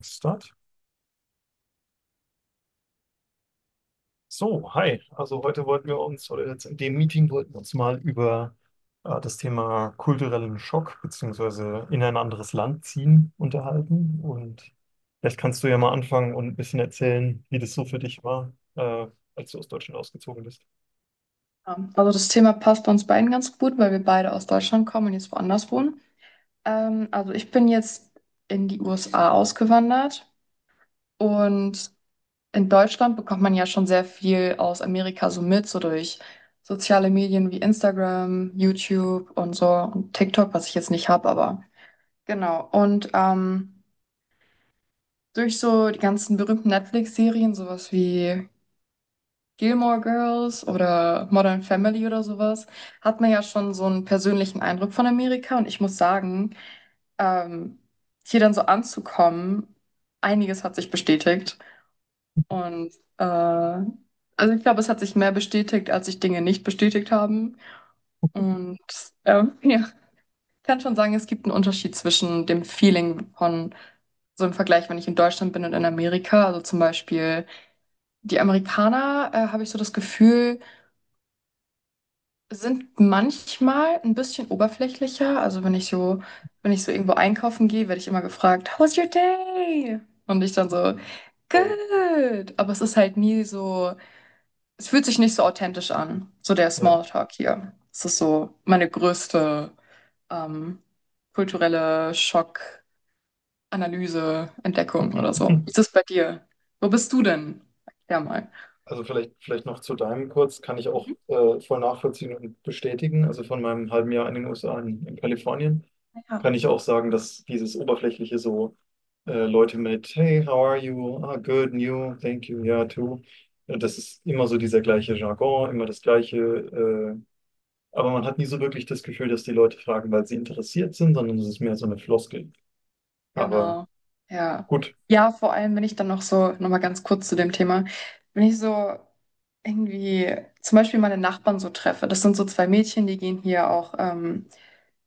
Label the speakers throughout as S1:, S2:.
S1: Start. So, hi. Also heute wollten wir uns, oder jetzt in dem Meeting wollten wir uns mal über das Thema kulturellen Schock beziehungsweise in ein anderes Land ziehen unterhalten. Und vielleicht kannst du ja mal anfangen und ein bisschen erzählen, wie das so für dich war, als du aus Deutschland ausgezogen bist.
S2: Ja, Also das Thema passt bei uns beiden ganz gut, weil wir beide aus Deutschland kommen und jetzt woanders wohnen. Also ich bin jetzt in die USA ausgewandert, und in Deutschland bekommt man ja schon sehr viel aus Amerika so mit, so durch soziale Medien wie Instagram, YouTube und so und TikTok, was ich jetzt nicht habe, aber genau. Und durch so die ganzen berühmten Netflix-Serien, sowas wie Gilmore Girls oder Modern Family oder sowas, hat man ja schon so einen persönlichen Eindruck von Amerika. Und ich muss sagen, ähm, hier dann so anzukommen, einiges hat sich bestätigt. Und äh, also ich glaube, es hat sich mehr bestätigt, als sich Dinge nicht bestätigt haben. Und ja, ich kann schon sagen, es gibt einen Unterschied zwischen dem Feeling von so im Vergleich, wenn ich in Deutschland bin und in Amerika. Also zum Beispiel die Amerikaner, habe ich so das Gefühl, sind manchmal ein bisschen oberflächlicher. Also wenn ich so irgendwo einkaufen gehe, werde ich immer gefragt, how's your day? Und ich dann so,
S1: Voll.
S2: good. Aber es ist halt nie so, es fühlt sich nicht so authentisch an. So der
S1: Ja.
S2: Smalltalk hier. Das ist so meine größte ähm, kulturelle Schockanalyse, Entdeckung oder so. Wie ist es bei dir? Wo bist du denn? Ja mal.
S1: Also vielleicht noch zu deinem kurz, kann ich auch
S2: Mhm.
S1: voll nachvollziehen und bestätigen. Also von meinem halben Jahr in den USA in Kalifornien kann
S2: Ja.
S1: ich auch sagen, dass dieses Oberflächliche so Leute mit: "Hey, how are you? Ah, good, and you, thank you, yeah, too." Das ist immer so dieser gleiche Jargon, immer das gleiche. Aber man hat nie so wirklich das Gefühl, dass die Leute fragen, weil sie interessiert sind, sondern es ist mehr so eine Floskel. Aber
S2: Genau, ja.
S1: gut.
S2: Ja, vor allem, wenn ich dann noch so, nochmal ganz kurz zu dem Thema, wenn ich so irgendwie zum Beispiel meine Nachbarn so treffe, das sind so zwei Mädchen, die gehen hier auch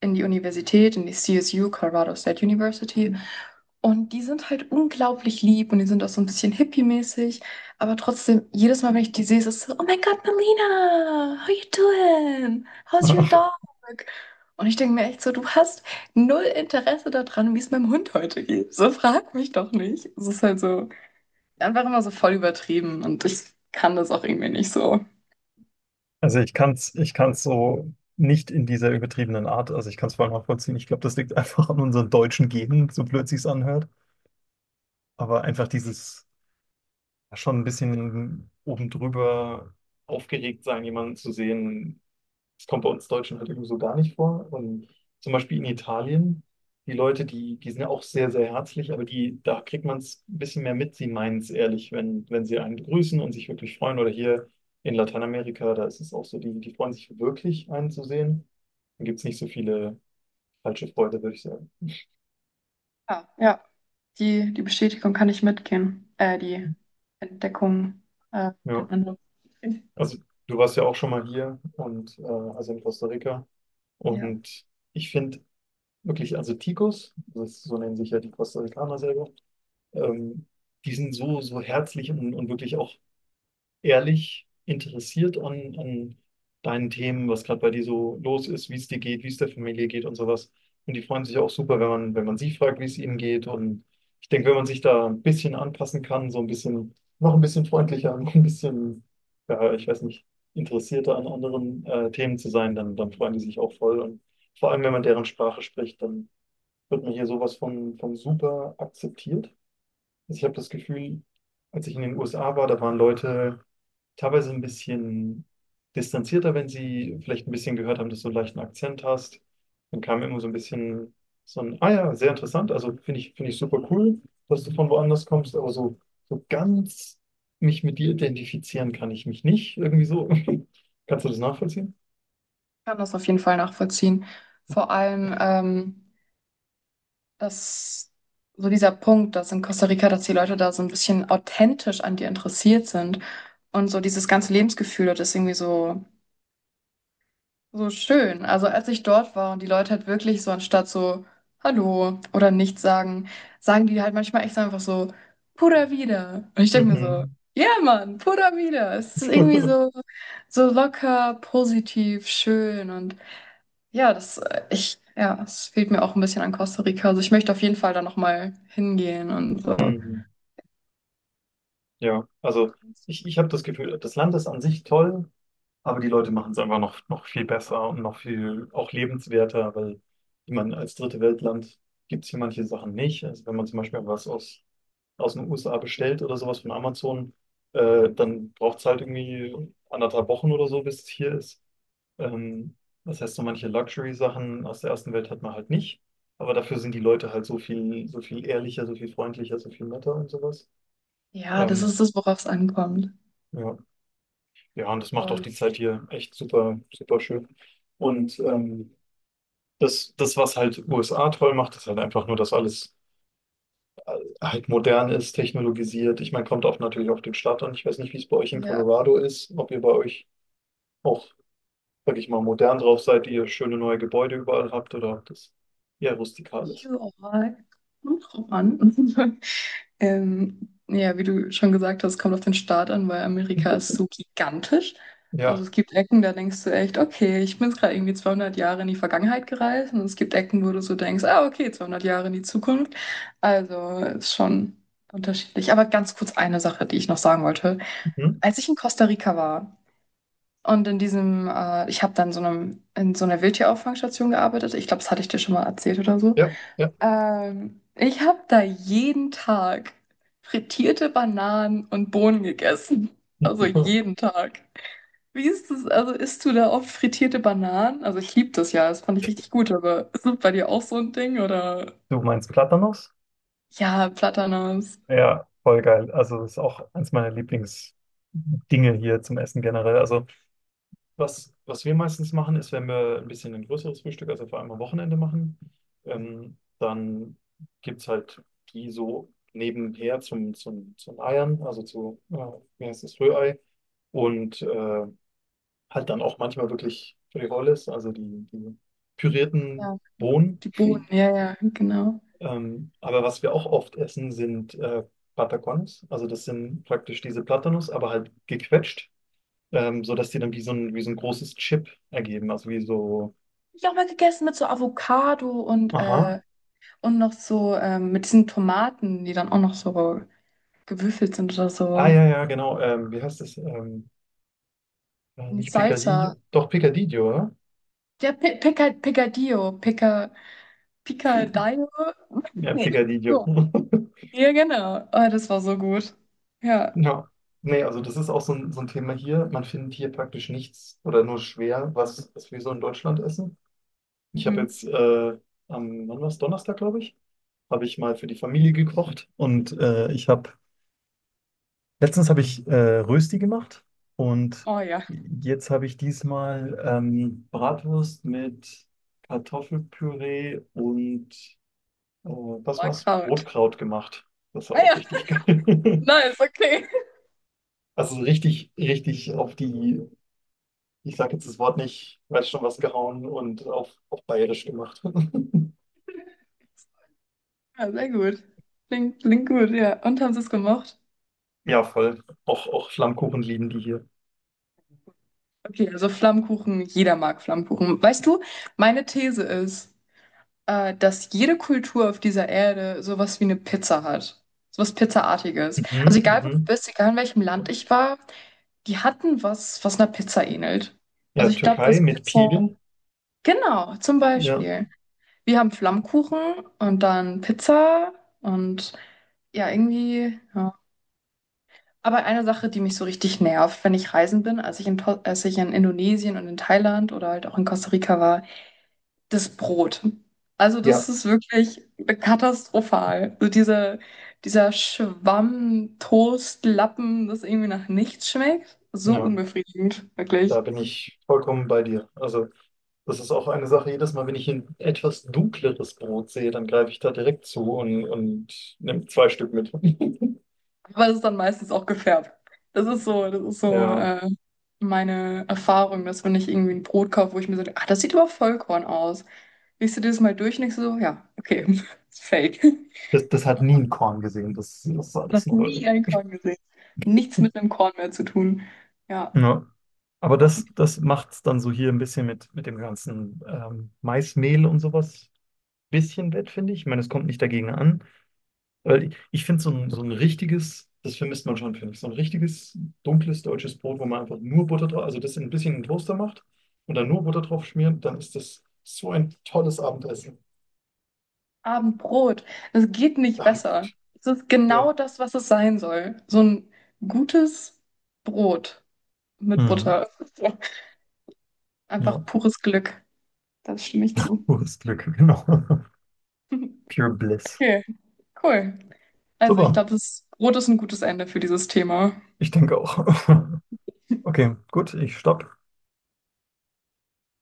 S2: in die Universität, in die CSU, Colorado State University. Und die sind halt unglaublich lieb und die sind auch so ein bisschen hippie-mäßig. Aber trotzdem, jedes Mal, wenn ich die sehe, ist es so, oh mein Gott, Melina, how you doing? How's your dog? Und ich denke mir echt so, du hast null Interesse daran, wie es meinem Hund heute geht. So frag mich doch nicht. Es ist halt so einfach immer so voll übertrieben und ich kann das auch irgendwie nicht so.
S1: Also ich kann es, ich kann's so nicht in dieser übertriebenen Art, also ich kann es voll nachvollziehen. Ich glaube, das liegt einfach an unseren deutschen Genen, so blöd sich's anhört. Aber einfach dieses schon ein bisschen oben drüber aufgeregt sein, jemanden zu sehen, das kommt bei uns Deutschen halt irgendwie so gar nicht vor. Und zum Beispiel in Italien, die Leute, die sind ja auch sehr, sehr herzlich, aber die, da kriegt man es ein bisschen mehr mit. Sie meinen es ehrlich, wenn sie einen begrüßen und sich wirklich freuen. Oder hier in Lateinamerika, da ist es auch so, die freuen sich wirklich, einen zu sehen. Dann gibt es nicht so viele falsche Freude, würde ich sagen.
S2: Ja, ja. Die Bestätigung kann ich mitgehen. Die Entdeckung, äh,
S1: Ja,
S2: den Eindruck.
S1: also du warst ja auch schon mal hier und also in Costa Rica.
S2: Ja, ich
S1: Und ich finde wirklich, also Ticos, das, so nennen sich ja die Costa Ricaner selber, ähm, die sind so, so herzlich und wirklich auch ehrlich interessiert an, an deinen Themen, was gerade bei dir so los ist, wie es dir geht, wie es der Familie geht und sowas. Und die freuen sich auch super, wenn man sie fragt, wie es ihnen geht. Und ich denke, wenn man sich da ein bisschen anpassen kann, so ein bisschen, noch ein bisschen freundlicher, noch ein bisschen, ja, ich weiß nicht, interessierter an anderen Themen zu sein, dann freuen die sich auch voll. Und vor allem, wenn man deren Sprache spricht, dann wird man hier sowas von super akzeptiert. Also ich habe das Gefühl, als ich in den USA war, da waren Leute teilweise ein bisschen distanzierter, wenn sie vielleicht ein bisschen gehört haben, dass du einen leichten Akzent hast. Dann kam immer so ein bisschen so ein, ah ja, sehr interessant. Also finde ich super cool, dass du von woanders kommst, aber so, so ganz mich mit dir identifizieren kann ich mich nicht. Irgendwie so. Kannst du das nachvollziehen?
S2: kann das auf jeden Fall nachvollziehen. Vor allem, dass so dieser Punkt, dass in Costa Rica, dass die Leute da so ein bisschen authentisch an dir interessiert sind und so dieses ganze Lebensgefühl, das ist irgendwie so schön. Also als ich dort war und die Leute halt wirklich so anstatt so Hallo oder nichts sagen, sagen die halt manchmal echt so einfach so Pura vida. Und ich denke mir so,
S1: Mhm.
S2: ja Mann, Pura vida. Es ist irgendwie so so locker, positiv, schön und ja, das es fehlt mir auch ein bisschen an Costa Rica. Also ich möchte auf jeden Fall da noch mal hingehen und so.
S1: Mhm. Ja, also ich habe das Gefühl, das Land ist an sich toll, aber die Leute machen es einfach noch, noch viel besser und noch viel auch lebenswerter, weil ich meine, als dritte Weltland gibt es hier manche Sachen nicht. Also wenn man zum Beispiel was aus den USA bestellt oder sowas von Amazon, dann braucht es halt irgendwie anderthalb Wochen oder so, bis es hier ist. Ähm, das heißt, so manche Luxury-Sachen aus der ersten Welt hat man halt nicht. Aber dafür sind die Leute halt so viel ehrlicher, so viel freundlicher, so viel netter und sowas.
S2: Ja, das
S1: Ähm,
S2: ist das, worauf es ankommt.
S1: ja, ja, und das macht auch
S2: Voll.
S1: die Zeit hier echt super, super schön. Und das, das, was halt USA toll macht, ist halt einfach nur, dass alles äh, halt modern ist, technologisiert. Ich meine, kommt auch natürlich auf den Staat an. Ich weiß nicht, wie es bei euch in
S2: Ja,
S1: Colorado ist, ob ihr bei euch auch, sag ich mal, modern drauf seid, ihr schöne neue Gebäude überall habt oder ob das eher rustikal ist.
S2: überall. Kommt drauf an. Ja, wie du schon gesagt hast, kommt auf den Staat an, weil Amerika ist so gigantisch. Also
S1: Ja,
S2: es gibt Ecken, da denkst du echt, okay, ich bin jetzt gerade irgendwie 200 Jahre in die Vergangenheit gereist. Und es gibt Ecken, wo du so denkst, ah, okay, 200 Jahre in die Zukunft. Also ist schon unterschiedlich. Aber ganz kurz eine Sache, die ich noch sagen wollte.
S1: mhm.
S2: Als ich in Costa Rica war und in diesem, ich habe dann so einem, in so einer Wildtierauffangstation gearbeitet. Ich glaube, das hatte ich dir schon mal erzählt oder so.
S1: Ja, ja.
S2: Ich habe da jeden Tag frittierte Bananen und Bohnen gegessen. Also jeden Tag. Wie ist das? Also isst du da oft frittierte Bananen? Also ich liebe das ja, das fand ich richtig gut, aber ist das bei dir auch so ein Ding oder?
S1: Du meinst Platanos?
S2: Ja, Platanos.
S1: Ja, voll geil. Also das ist auch eins meiner Lieblingsdinge hier zum Essen generell. Also was, was wir meistens machen, ist, wenn wir ein bisschen ein größeres Frühstück, also vor allem am Wochenende machen, dann gibt es halt die so nebenher zum Eiern, also zu, wie heißt das, Rührei. Und halt dann auch manchmal wirklich Frijoles, also die pürierten
S2: Ja,
S1: Bohnen.
S2: die Bohnen, ja, ja, genau. Hab
S1: Aber was wir auch oft essen, sind Patacones. Also das sind praktisch diese Platanos, aber halt gequetscht, sodass die dann wie so ein großes Chip ergeben, also wie so.
S2: ich auch mal gegessen mit so Avocado
S1: Aha.
S2: und noch so mit diesen Tomaten, die dann auch noch so gewürfelt sind oder
S1: Ah,
S2: so.
S1: ja, ja, genau. Wie heißt das?
S2: In die
S1: Nicht
S2: Salsa.
S1: Picadillo. Doch, Picadillo, oder?
S2: Picadillo, Picadillo.
S1: Ja,
S2: Nee.
S1: Picadillo.
S2: So. Ja, genau. Oh, das war so gut. Ja.
S1: Ja. Nee, also das ist auch so ein Thema hier. Man findet hier praktisch nichts oder nur schwer, was, was wir so in Deutschland essen. Ich habe
S2: Mhm.
S1: jetzt am, wann war's? Donnerstag, glaube ich, habe ich mal für die Familie gekocht und ich habe, letztens habe ich Rösti gemacht und
S2: Oh ja,
S1: jetzt habe ich diesmal Bratwurst mit Kartoffelpüree und äh, was
S2: war
S1: war's?
S2: Kraut.
S1: Rotkraut gemacht. Das war
S2: Ah
S1: auch
S2: ja,
S1: richtig geil.
S2: nice, okay.
S1: Also richtig, richtig auf die, ich sage jetzt das Wort nicht, weiß schon was, gehauen und auf bayerisch gemacht.
S2: Ja, sehr gut. Klingt gut, ja. Und haben sie es gemocht?
S1: Ja, voll. Auch, auch Flammkuchen lieben die hier.
S2: Okay, also Flammkuchen, jeder mag Flammkuchen. Weißt du, meine These ist, dass jede Kultur auf dieser Erde sowas wie eine Pizza hat. Sowas Pizzaartiges. Also
S1: Mhm,
S2: egal, wo du
S1: mhm.
S2: bist, egal in welchem Land ich war, die hatten was, was einer Pizza ähnelt. Also
S1: Ja,
S2: ich glaube,
S1: Türkei
S2: das
S1: mit
S2: Pizza.
S1: Pidel.
S2: Genau, zum
S1: Ja.
S2: Beispiel. Wir haben Flammkuchen und dann Pizza und ja, irgendwie. Ja. Aber eine Sache, die mich so richtig nervt, wenn ich reisen bin, als ich in Indonesien und in Thailand oder halt auch in Costa Rica war, das Brot. Also das
S1: Ja.
S2: ist wirklich katastrophal. So dieser Schwamm, Toast, Lappen, das irgendwie nach nichts schmeckt. So
S1: Ja,
S2: unbefriedigend,
S1: da
S2: wirklich.
S1: bin ich vollkommen bei dir. Also, das ist auch eine Sache, jedes Mal, wenn ich ein etwas dunkleres Brot sehe, dann greife ich da direkt zu und nehme zwei Stück mit.
S2: Aber es ist dann meistens auch gefärbt. Das ist so
S1: Ja.
S2: meine Erfahrung, dass wenn ich irgendwie ein Brot kaufe, wo ich mir so, ah, das sieht aber Vollkorn aus. Riechst du dieses Mal durch und denkst so, ja, okay, ist fake.
S1: Das, das hat nie ein Korn gesehen. Das, das war
S2: Noch
S1: das nur.
S2: nie ein
S1: Irgendwie.
S2: Korn gesehen. Nichts mit einem Korn mehr zu tun. Ja,
S1: Ja. Aber
S2: auch
S1: das,
S2: richtig.
S1: das macht es dann so hier ein bisschen mit dem ganzen Maismehl und sowas bisschen wett, finde ich. Ich meine, es kommt nicht dagegen an. Weil ich finde so ein richtiges, das vermisst man schon, finde ich, so ein richtiges dunkles deutsches Brot, wo man einfach nur Butter drauf, also das in ein bisschen in den Toaster macht und dann nur Butter drauf schmiert, dann ist das so ein tolles Abendessen.
S2: Abendbrot. Es geht nicht besser.
S1: Abendbrot.
S2: Es ist
S1: Ja.
S2: genau das, was es sein soll. So ein gutes Brot mit
S1: Mhm.
S2: Butter.
S1: Ja,
S2: Einfach pures Glück. Das stimme ich zu.
S1: pures Glück, genau. Pure Bliss.
S2: Okay, cool. Also ich
S1: Super.
S2: glaube, das Rot ist ein gutes Ende für dieses Thema.
S1: Ich denke auch. Okay, gut, ich stopp.